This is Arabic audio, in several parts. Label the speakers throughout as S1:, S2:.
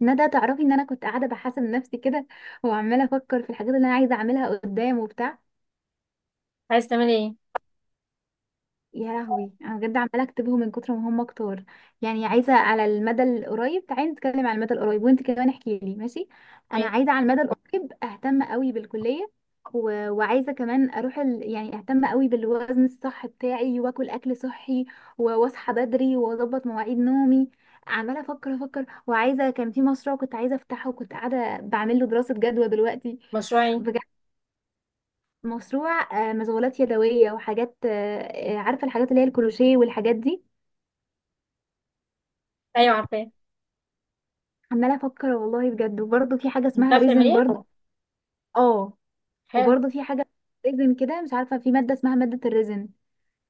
S1: ندى، تعرفي ان انا كنت قاعده بحاسب نفسي كده وعماله افكر في الحاجات اللي انا عايزه اعملها قدام وبتاع.
S2: عايز تعملي ايه؟
S1: يا لهوي، انا بجد عماله اكتبهم من كتر ما هم كتار. يعني عايزه على المدى القريب، تعالي نتكلم على المدى القريب، وانت كمان احكي لي. ماشي. انا
S2: ماشي.
S1: عايزه على المدى القريب اهتم قوي بالكليه. وعايزه كمان اروح يعني اهتم قوي بالوزن الصح بتاعي واكل اكل صحي. و- واصحى بدري واظبط مواعيد نومي. عماله افكر وعايزه، كان في مشروع كنت عايزه افتحه وكنت قاعده بعمل له دراسه جدوى دلوقتي.
S2: مشروع ايه؟
S1: بجد، مشروع. مشغولات يدوية وحاجات، عارفة الحاجات اللي هي الكروشيه والحاجات دي.
S2: ايوه، عارفاه.
S1: عمالة أفكر والله بجد، وبرضه في حاجة
S2: انت
S1: اسمها
S2: عارفه
S1: ريزن
S2: تعمليها؟
S1: برضه. اه،
S2: حلو.
S1: وبرضه في حاجة. ريزن كده، مش عارفة، في مادة اسمها مادة الريزن.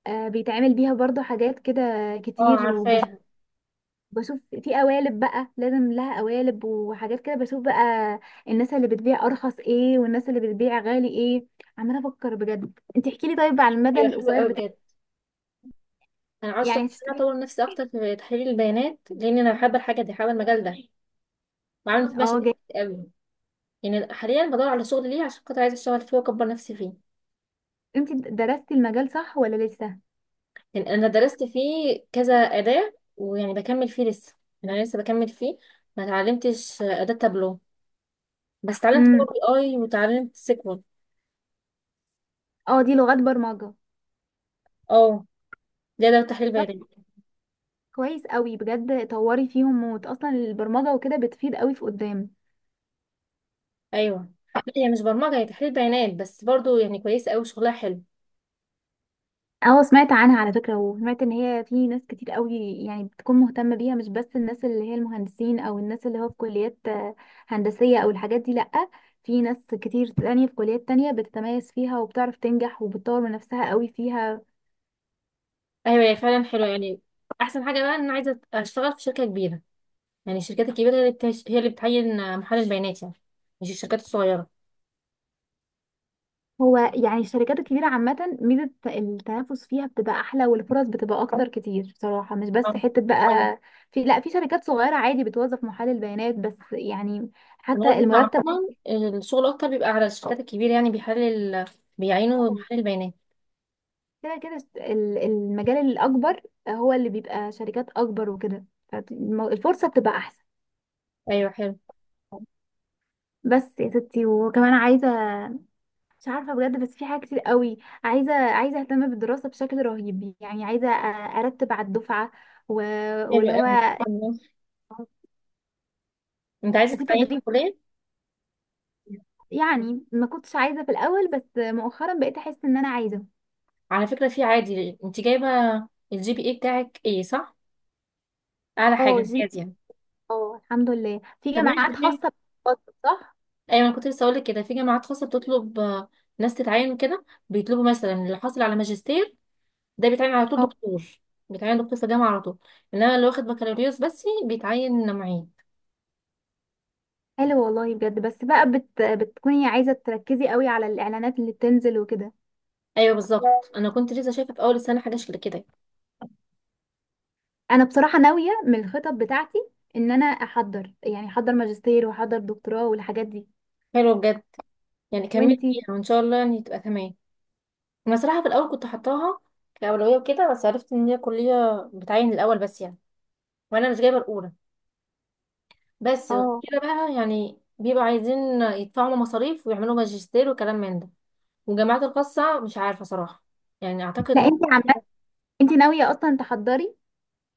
S1: بيتعمل بيها برضه حاجات كده
S2: اه،
S1: كتير وبشوف.
S2: عارفاها.
S1: في قوالب بقى، لازم لها قوالب وحاجات كده، بشوف بقى الناس اللي بتبيع أرخص ايه والناس اللي بتبيع غالي ايه. عمالة أفكر بجد، انت احكيلي طيب على المدى
S2: ايوه، حلو
S1: القصير
S2: قوي
S1: بتاع.
S2: بجد. انا عاوزه
S1: يعني
S2: انا
S1: هتشتري.
S2: اطور نفسي اكتر في تحليل البيانات، لان انا بحب الحاجه دي، بحب المجال ده. وعامل فيه
S1: اه،
S2: مشاريع كتير قوي. يعني حاليا بدور على شغل ليه، عشان خاطر عايزه اشتغل فيه واكبر نفسي فيه.
S1: انت درستي المجال صح ولا لسه؟
S2: لان انا درست فيه كذا اداه، ويعني بكمل فيه لسه. يعني انا لسه بكمل فيه. ما اتعلمتش اداه تابلو. بس اتعلمت باور
S1: امم.
S2: بي اي، وتعلمت سيكوال.
S1: اه، دي لغات برمجة.
S2: اه. ده تحليل
S1: طب،
S2: بيانات.
S1: كويس قوي بجد، طوري فيهم موت، اصلا البرمجة وكده بتفيد قوي في قدام.
S2: ايوه. لا، هي مش برمجه، هي تحليل بيانات بس برضو، يعني كويسه قوي، شغلها حلو.
S1: اه، سمعت عنها على فكرة، وسمعت ان هي في ناس كتير قوي يعني بتكون مهتمة بيها، مش بس الناس اللي هي المهندسين او الناس اللي هو في كليات هندسية او الحاجات دي، لأ. في ناس كتير تانية في كليات تانية بتتميز فيها وبتعرف تنجح وبتطور من نفسها قوي فيها.
S2: ايوه، هي فعلا حلوه يعني. احسن حاجه بقى ان انا عايزه اشتغل في شركه كبيره. يعني الشركات الكبيره، هي اللي هي اللي بتعين محلل بيانات يعني. مش الشركات الصغيره.
S1: هو يعني الشركات الكبيرة عامة ميزة التنافس فيها بتبقى أحلى والفرص بتبقى أكتر كتير بصراحة، مش بس
S2: آه.
S1: حتة بقى في، لا، في شركات صغيرة عادي بتوظف محلل بيانات بس يعني.
S2: انا
S1: حتى
S2: قصدي
S1: المرتب
S2: عموما، الشغل اكتر بيبقى على الشركات الكبيره، يعني بيحلل، بيعينوا محلل بيانات.
S1: كده كده، المجال الأكبر هو اللي بيبقى شركات أكبر وكده، فالفرصة بتبقى أحسن.
S2: ايوه، حلو.
S1: بس يا ستي، وكمان عايزة، مش عارفة بجد، بس في حاجات كتير قوي. عايزة اهتم بالدراسة بشكل رهيب، يعني عايزة ارتب على الدفعة و...
S2: حلو
S1: واللي هو
S2: قوي، انت عايزه
S1: وفي
S2: تتعين في
S1: تدريب،
S2: الكليه؟
S1: يعني ما كنتش عايزة في الأول بس مؤخرا بقيت أحس إن أنا عايزة.
S2: على فكره، في عادي انت جايبه الجي بي اي بتاعك ايه؟ صح، اعلى حاجه
S1: اه، جيم.
S2: امتياز يعني.
S1: اه الحمد لله، في
S2: طب، ماشي
S1: جامعات
S2: تمام.
S1: خاصة بتفضل، صح؟
S2: ايوه، انا كنت لسه هقولك كده، في جامعات خاصه بتطلب ناس تتعين كده، بيطلبوا مثلا اللي حاصل على ماجستير، ده بيتعين على طول
S1: اه،
S2: دكتور. بيتعين دكتور في جامعه على طول. انما اللي واخد بكالوريوس بس بيتعين معيد.
S1: حلو والله بجد، بس بقى بتكوني عايزة تركزي قوي على الإعلانات اللي بتنزل وكده.
S2: ايوه، بالظبط. انا كنت لسه شايفه في اول السنه حاجه شكل كده.
S1: أنا بصراحة ناوية من الخطط بتاعتي إن أنا أحضر، يعني أحضر ماجستير وأحضر دكتوراه والحاجات دي.
S2: حلوه بجد. يعني كملت
S1: وإنتي؟
S2: فيها، وان شاء الله يعني تبقى تمام. انا صراحه في الاول كنت حطاها كاولويه وكده، بس عرفت ان هي كليه بتعين الاول بس يعني. وانا مش جايبه الاولى. بس غير
S1: اه،
S2: كده بقى، يعني بيبقوا عايزين يدفعوا مصاريف ويعملوا ماجستير وكلام من ده. والجامعات الخاصة مش عارفة صراحة. يعني أعتقد
S1: لا، إنتي
S2: ممكن.
S1: إنتي ناوية أصلا تحضري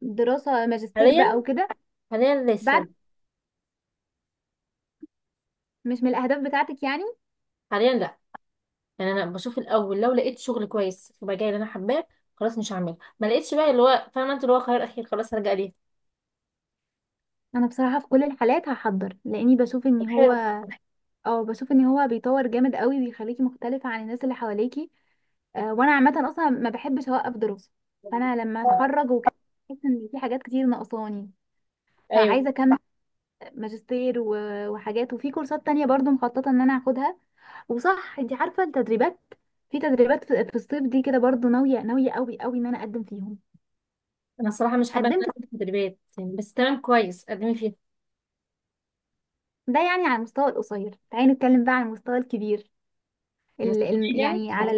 S1: دراسة ماجستير
S2: حاليا.
S1: بقى وكده،
S2: حاليا
S1: بعد؟
S2: لسه.
S1: مش من الأهداف بتاعتك يعني.
S2: حاليا لا. يعني أنا بشوف الأول، لو لقيت شغل كويس في مجال اللي أنا حباه خلاص مش هعمله، ما لقيتش بقى اللي هو فاهمة أنت، اللي هو خيار أخير، خلاص هرجع ليه.
S1: انا بصراحه في كل الحالات هحضر، لاني بشوف
S2: طب،
S1: ان هو،
S2: حلو.
S1: اه، بشوف ان هو بيطور جامد قوي، بيخليكي مختلفه عن الناس اللي حواليكي. وانا عامه اصلا ما بحبش اوقف دراسه، فانا لما اتخرج وكده بحس ان في حاجات كتير ناقصاني،
S2: أيوه.
S1: فعايزه اكمل ماجستير و- وحاجات، وفي كورسات تانية برضو مخططه ان انا هاخدها. وصح، انت عارفه التدريبات؟ في تدريبات في الصيف دي كده، برضو ناويه ناويه قوي قوي ان انا اقدم فيهم.
S2: أنا الصراحة مش حابة إن أنا
S1: قدمت.
S2: أكون في تدريبات يعني، بس تمام كويس، قدمي فيها.
S1: ده يعني على المستوى القصير. تعالي نتكلم بقى على المستوى الكبير، ال ال
S2: مستقبلية يعني؟
S1: يعني على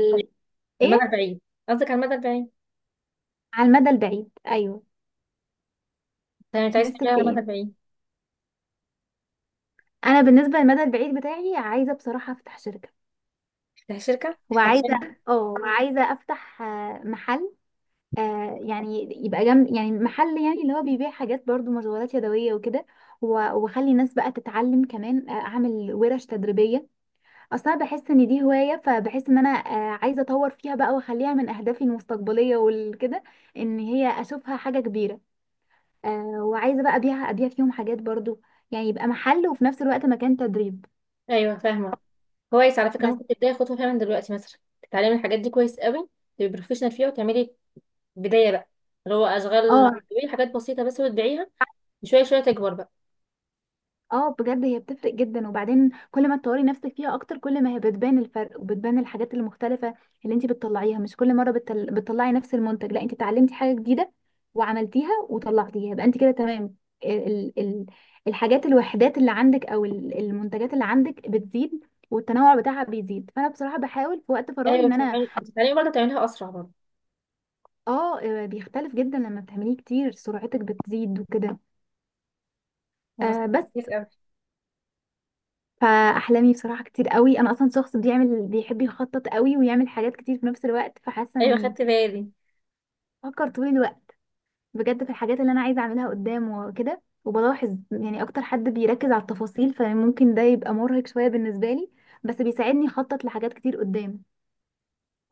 S2: المدى
S1: ايه.
S2: البعيد. قصدك على المدى البعيد؟
S1: على المدى البعيد، ايوه.
S2: تمام، أنت عايز
S1: نفسك
S2: تعملها
S1: في
S2: على
S1: ايه؟
S2: المدى البعيد.
S1: انا بالنسبه للمدى البعيد بتاعي عايزه بصراحه افتح شركه.
S2: تفتحي شركة؟
S1: وعايزه اه وعايزه افتح محل، يعني يبقى جنب، يعني محل يعني اللي هو بيبيع حاجات برضو مشغولات يدويه وكده، و- واخلي الناس بقى تتعلم كمان، اعمل ورش تدريبيه. اصلا بحس ان دي هوايه، فبحس ان انا عايزه اطور فيها بقى واخليها من اهدافي المستقبليه والكده، ان هي اشوفها حاجه كبيره. وعايزه بقى ابيع فيهم حاجات برضو، يعني يبقى محل وفي نفس الوقت مكان تدريب.
S2: أيوه، فاهمة. كويس، على فكرة
S1: بس.
S2: ممكن تبداي خطوة فيها من دلوقتي، مثلا تتعلمي الحاجات دي كويس قوي، تبقي بروفيشنال فيها، وتعملي بداية بقى، اللي هو أشغال،
S1: اه.
S2: بتبيعي حاجات بسيطة بس وتبيعيها، شوية شوية تكبر بقى.
S1: اه بجد، هي بتفرق جدا، وبعدين كل ما تطوري نفسك فيها اكتر، كل ما هي بتبان الفرق وبتبان الحاجات المختلفه اللي انت بتطلعيها. مش كل مره بتطلعي نفس المنتج، لا، انت اتعلمتي حاجه جديده وعملتيها وطلعتيها يبقى انت كده تمام. ال... ال... الوحدات اللي عندك او المنتجات اللي عندك بتزيد، والتنوع بتاعها بيزيد، فانا بصراحه بحاول في وقت فراغي
S2: أيوة،
S1: ان انا.
S2: بتتعلمي برضه، تعمليها أسرع برضه.
S1: بيختلف جدا، لما بتعمليه كتير سرعتك بتزيد وكده.
S2: خلاص،
S1: بس.
S2: كويس أوي.
S1: فاحلامي بصراحه كتير قوي، انا اصلا شخص بيحب يخطط قوي ويعمل حاجات كتير في نفس الوقت، فحاسه
S2: أيوة،
S1: اني
S2: خدت بالي.
S1: بفكر طول الوقت بجد في الحاجات اللي انا عايزه اعملها قدام وكده، وبلاحظ يعني اكتر حد بيركز على التفاصيل، فممكن ده يبقى مرهق شويه بالنسبه لي، بس بيساعدني اخطط لحاجات كتير قدام.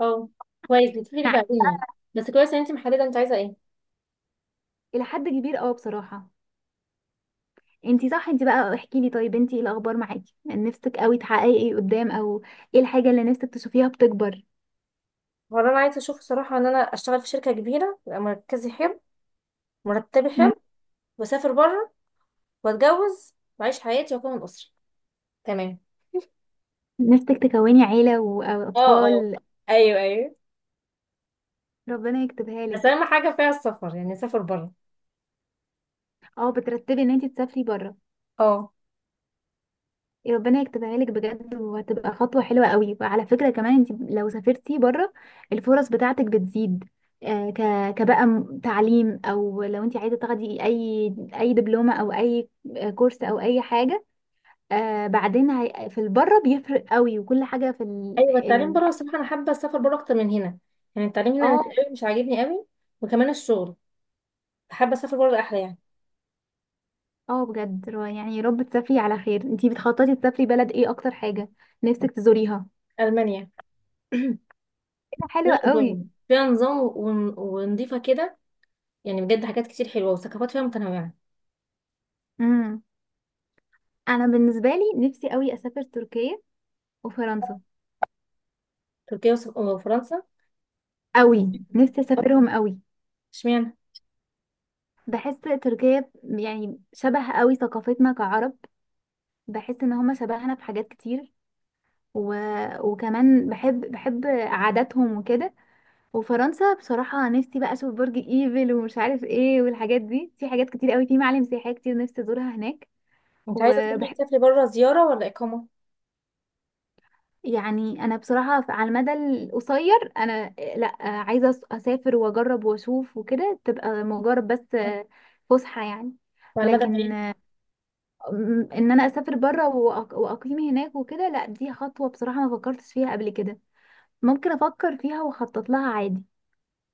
S2: اه، كويس، بتفيدك
S1: نعم.
S2: بعدين يعني. بس كويس إن أنت محددة أنت عايزة إيه.
S1: الى حد كبير، اه بصراحه. انتي صح، انتي بقى احكي لي، طيب انتي ايه الاخبار معاكي؟ يعني نفسك قوي تحققي ايه قدام، او ايه الحاجه اللي نفسك تشوفيها بتكبر؟
S2: هو اللي أنا عايزة أشوفه صراحة، إن أنا أشتغل في شركة كبيرة، يبقى مركزي حلو، مرتبي
S1: مم.
S2: حلو، وأسافر بره، وأتجوز وأعيش حياتي وأكون أسرة. تمام.
S1: نفسك تكوني عيله او
S2: اه، اه.
S1: اطفال؟
S2: ايوه، ايوه.
S1: ربنا يكتبها
S2: بس
S1: لك.
S2: اهم حاجه فيها السفر، يعني سافر بره.
S1: اه، بترتبي ان انتي تسافري بره.
S2: اه.
S1: ربنا يكتبها لك بجد، وهتبقى خطوه حلوه قوي. وعلى فكره كمان، انتي لو سافرتي بره الفرص بتاعتك بتزيد، آه، ك كبقى تعليم، او لو انتي عايزه تاخدي اي اي دبلومه او اي كورس او اي حاجه، بعدين في البره بيفرق قوي، وكل حاجه في ال
S2: ايوه، التعليم
S1: ال
S2: بره الصراحه، انا حابه اسافر بره اكتر من هنا. يعني التعليم هنا مش
S1: اه
S2: قوي، مش عاجبني قوي. وكمان الشغل، حابه اسافر بره احلى يعني.
S1: اه بجد، يعني يا رب تسافري على خير. انتي بتخططي تسافري بلد ايه اكتر حاجه نفسك تزوريها؟
S2: المانيا.
S1: إيه ده،
S2: فيها
S1: حلوه قوي.
S2: نظام، فيها نظام ونضيفه كده. يعني بجد، حاجات كتير حلوه، وثقافات فيها متنوعه.
S1: امم. انا بالنسبه لي نفسي قوي اسافر تركيا وفرنسا،
S2: تركيا وفرنسا.
S1: قوي نفسي اسافرهم قوي.
S2: اشمعنى؟
S1: بحس تركيا يعني شبه قوي ثقافتنا كعرب، بحس ان هما شبهنا في حاجات كتير، و... وكمان بحب عاداتهم وكده. وفرنسا بصراحة نفسي بقى اشوف برج ايفل ومش عارف ايه والحاجات دي، في حاجات كتير قوي، في معالم سياحية كتير نفسي ازورها هناك.
S2: انت عايزه تروحي
S1: وبحب،
S2: تسافري بره زياره ولا اقامه؟
S1: يعني انا بصراحة على المدى القصير انا لا، عايزة اسافر واجرب واشوف وكده، تبقى مجرد بس فسحة يعني.
S2: وعلى المدى
S1: لكن
S2: البعيد؟
S1: ان انا اسافر بره واقيم هناك وكده، لا، دي خطوة بصراحة ما فكرتش فيها قبل كده، ممكن افكر فيها واخطط لها عادي.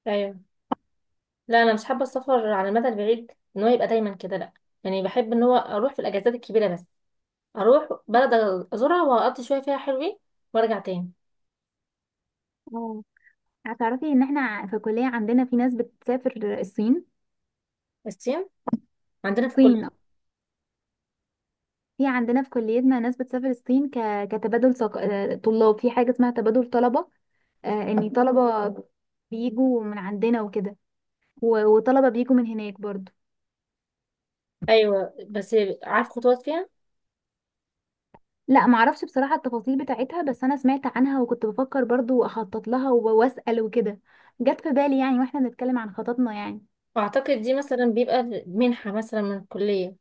S2: ايوه. لا، انا مش حابه السفر على المدى البعيد، ان هو يبقى دايما كده، لا. يعني بحب ان هو اروح في الاجازات الكبيره بس، اروح بلد، ازورها واقضي شويه فيها حلوين، وارجع تاني.
S1: اه. هتعرفي ان احنا في الكلية عندنا في ناس بتسافر الصين.
S2: الصين؟ عندنا في كل.
S1: الصين، في عندنا في كليتنا ناس بتسافر الصين كتبادل ثق... آه، طلاب، في حاجة اسمها تبادل طلبة، ان طلبة بيجوا من عندنا وكده، و- وطلبة بيجوا من هناك برضو.
S2: ايوه، بس عارف خطوات فيها؟
S1: لا معرفش بصراحة التفاصيل بتاعتها، بس انا سمعت عنها وكنت بفكر برضو اخطط لها و- واسأل وكده، جت في بالي يعني واحنا بنتكلم عن خططنا يعني.
S2: واعتقد دي مثلا بيبقى منحه مثلا من الكليه.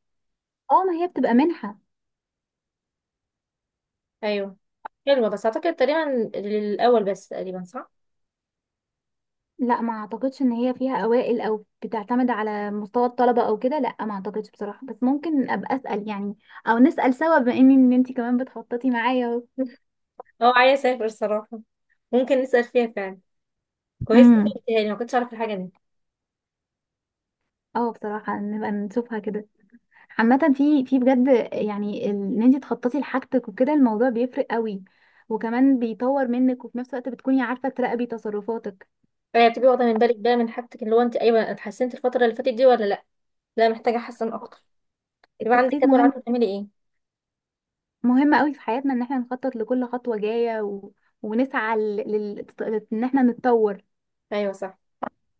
S1: اه، ما هي بتبقى منحة.
S2: ايوه. حلوه، بس اعتقد تقريبا للاول بس، تقريبا صح؟
S1: لا، ما اعتقدش ان هي فيها اوائل او بتعتمد على مستوى الطلبه او كده، لا ما اعتقدش بصراحه، بس ممكن ابقى اسال يعني، او نسال سوا بما ان انت كمان بتخططي معايا اهو.
S2: اه، عايزه اسافر صراحه. ممكن نسال فيها فعلا. كويس إنك
S1: امم.
S2: قلتيها لي، ما كنتش اعرف الحاجه دي.
S1: اه بصراحه نبقى نشوفها كده. عامه في بجد يعني، ان انت تخططي لحاجتك وكده الموضوع بيفرق قوي، وكمان بيطور منك، وفي نفس الوقت بتكوني عارفه تراقبي تصرفاتك.
S2: هي بتبقي واخده من بالك بقى من حاجتك، اللي هو انت ايوه اتحسنت الفتره اللي فاتت دي ولا لا. لا، محتاجه احسن اكتر. يبقى عندك
S1: التخطيط
S2: جدول،
S1: مهم،
S2: عارفه تعملي ايه.
S1: مهم قوي في حياتنا ان احنا نخطط لكل خطوه جايه، و... ونسعى لل... لل... ان احنا نتطور.
S2: ايوه، صح.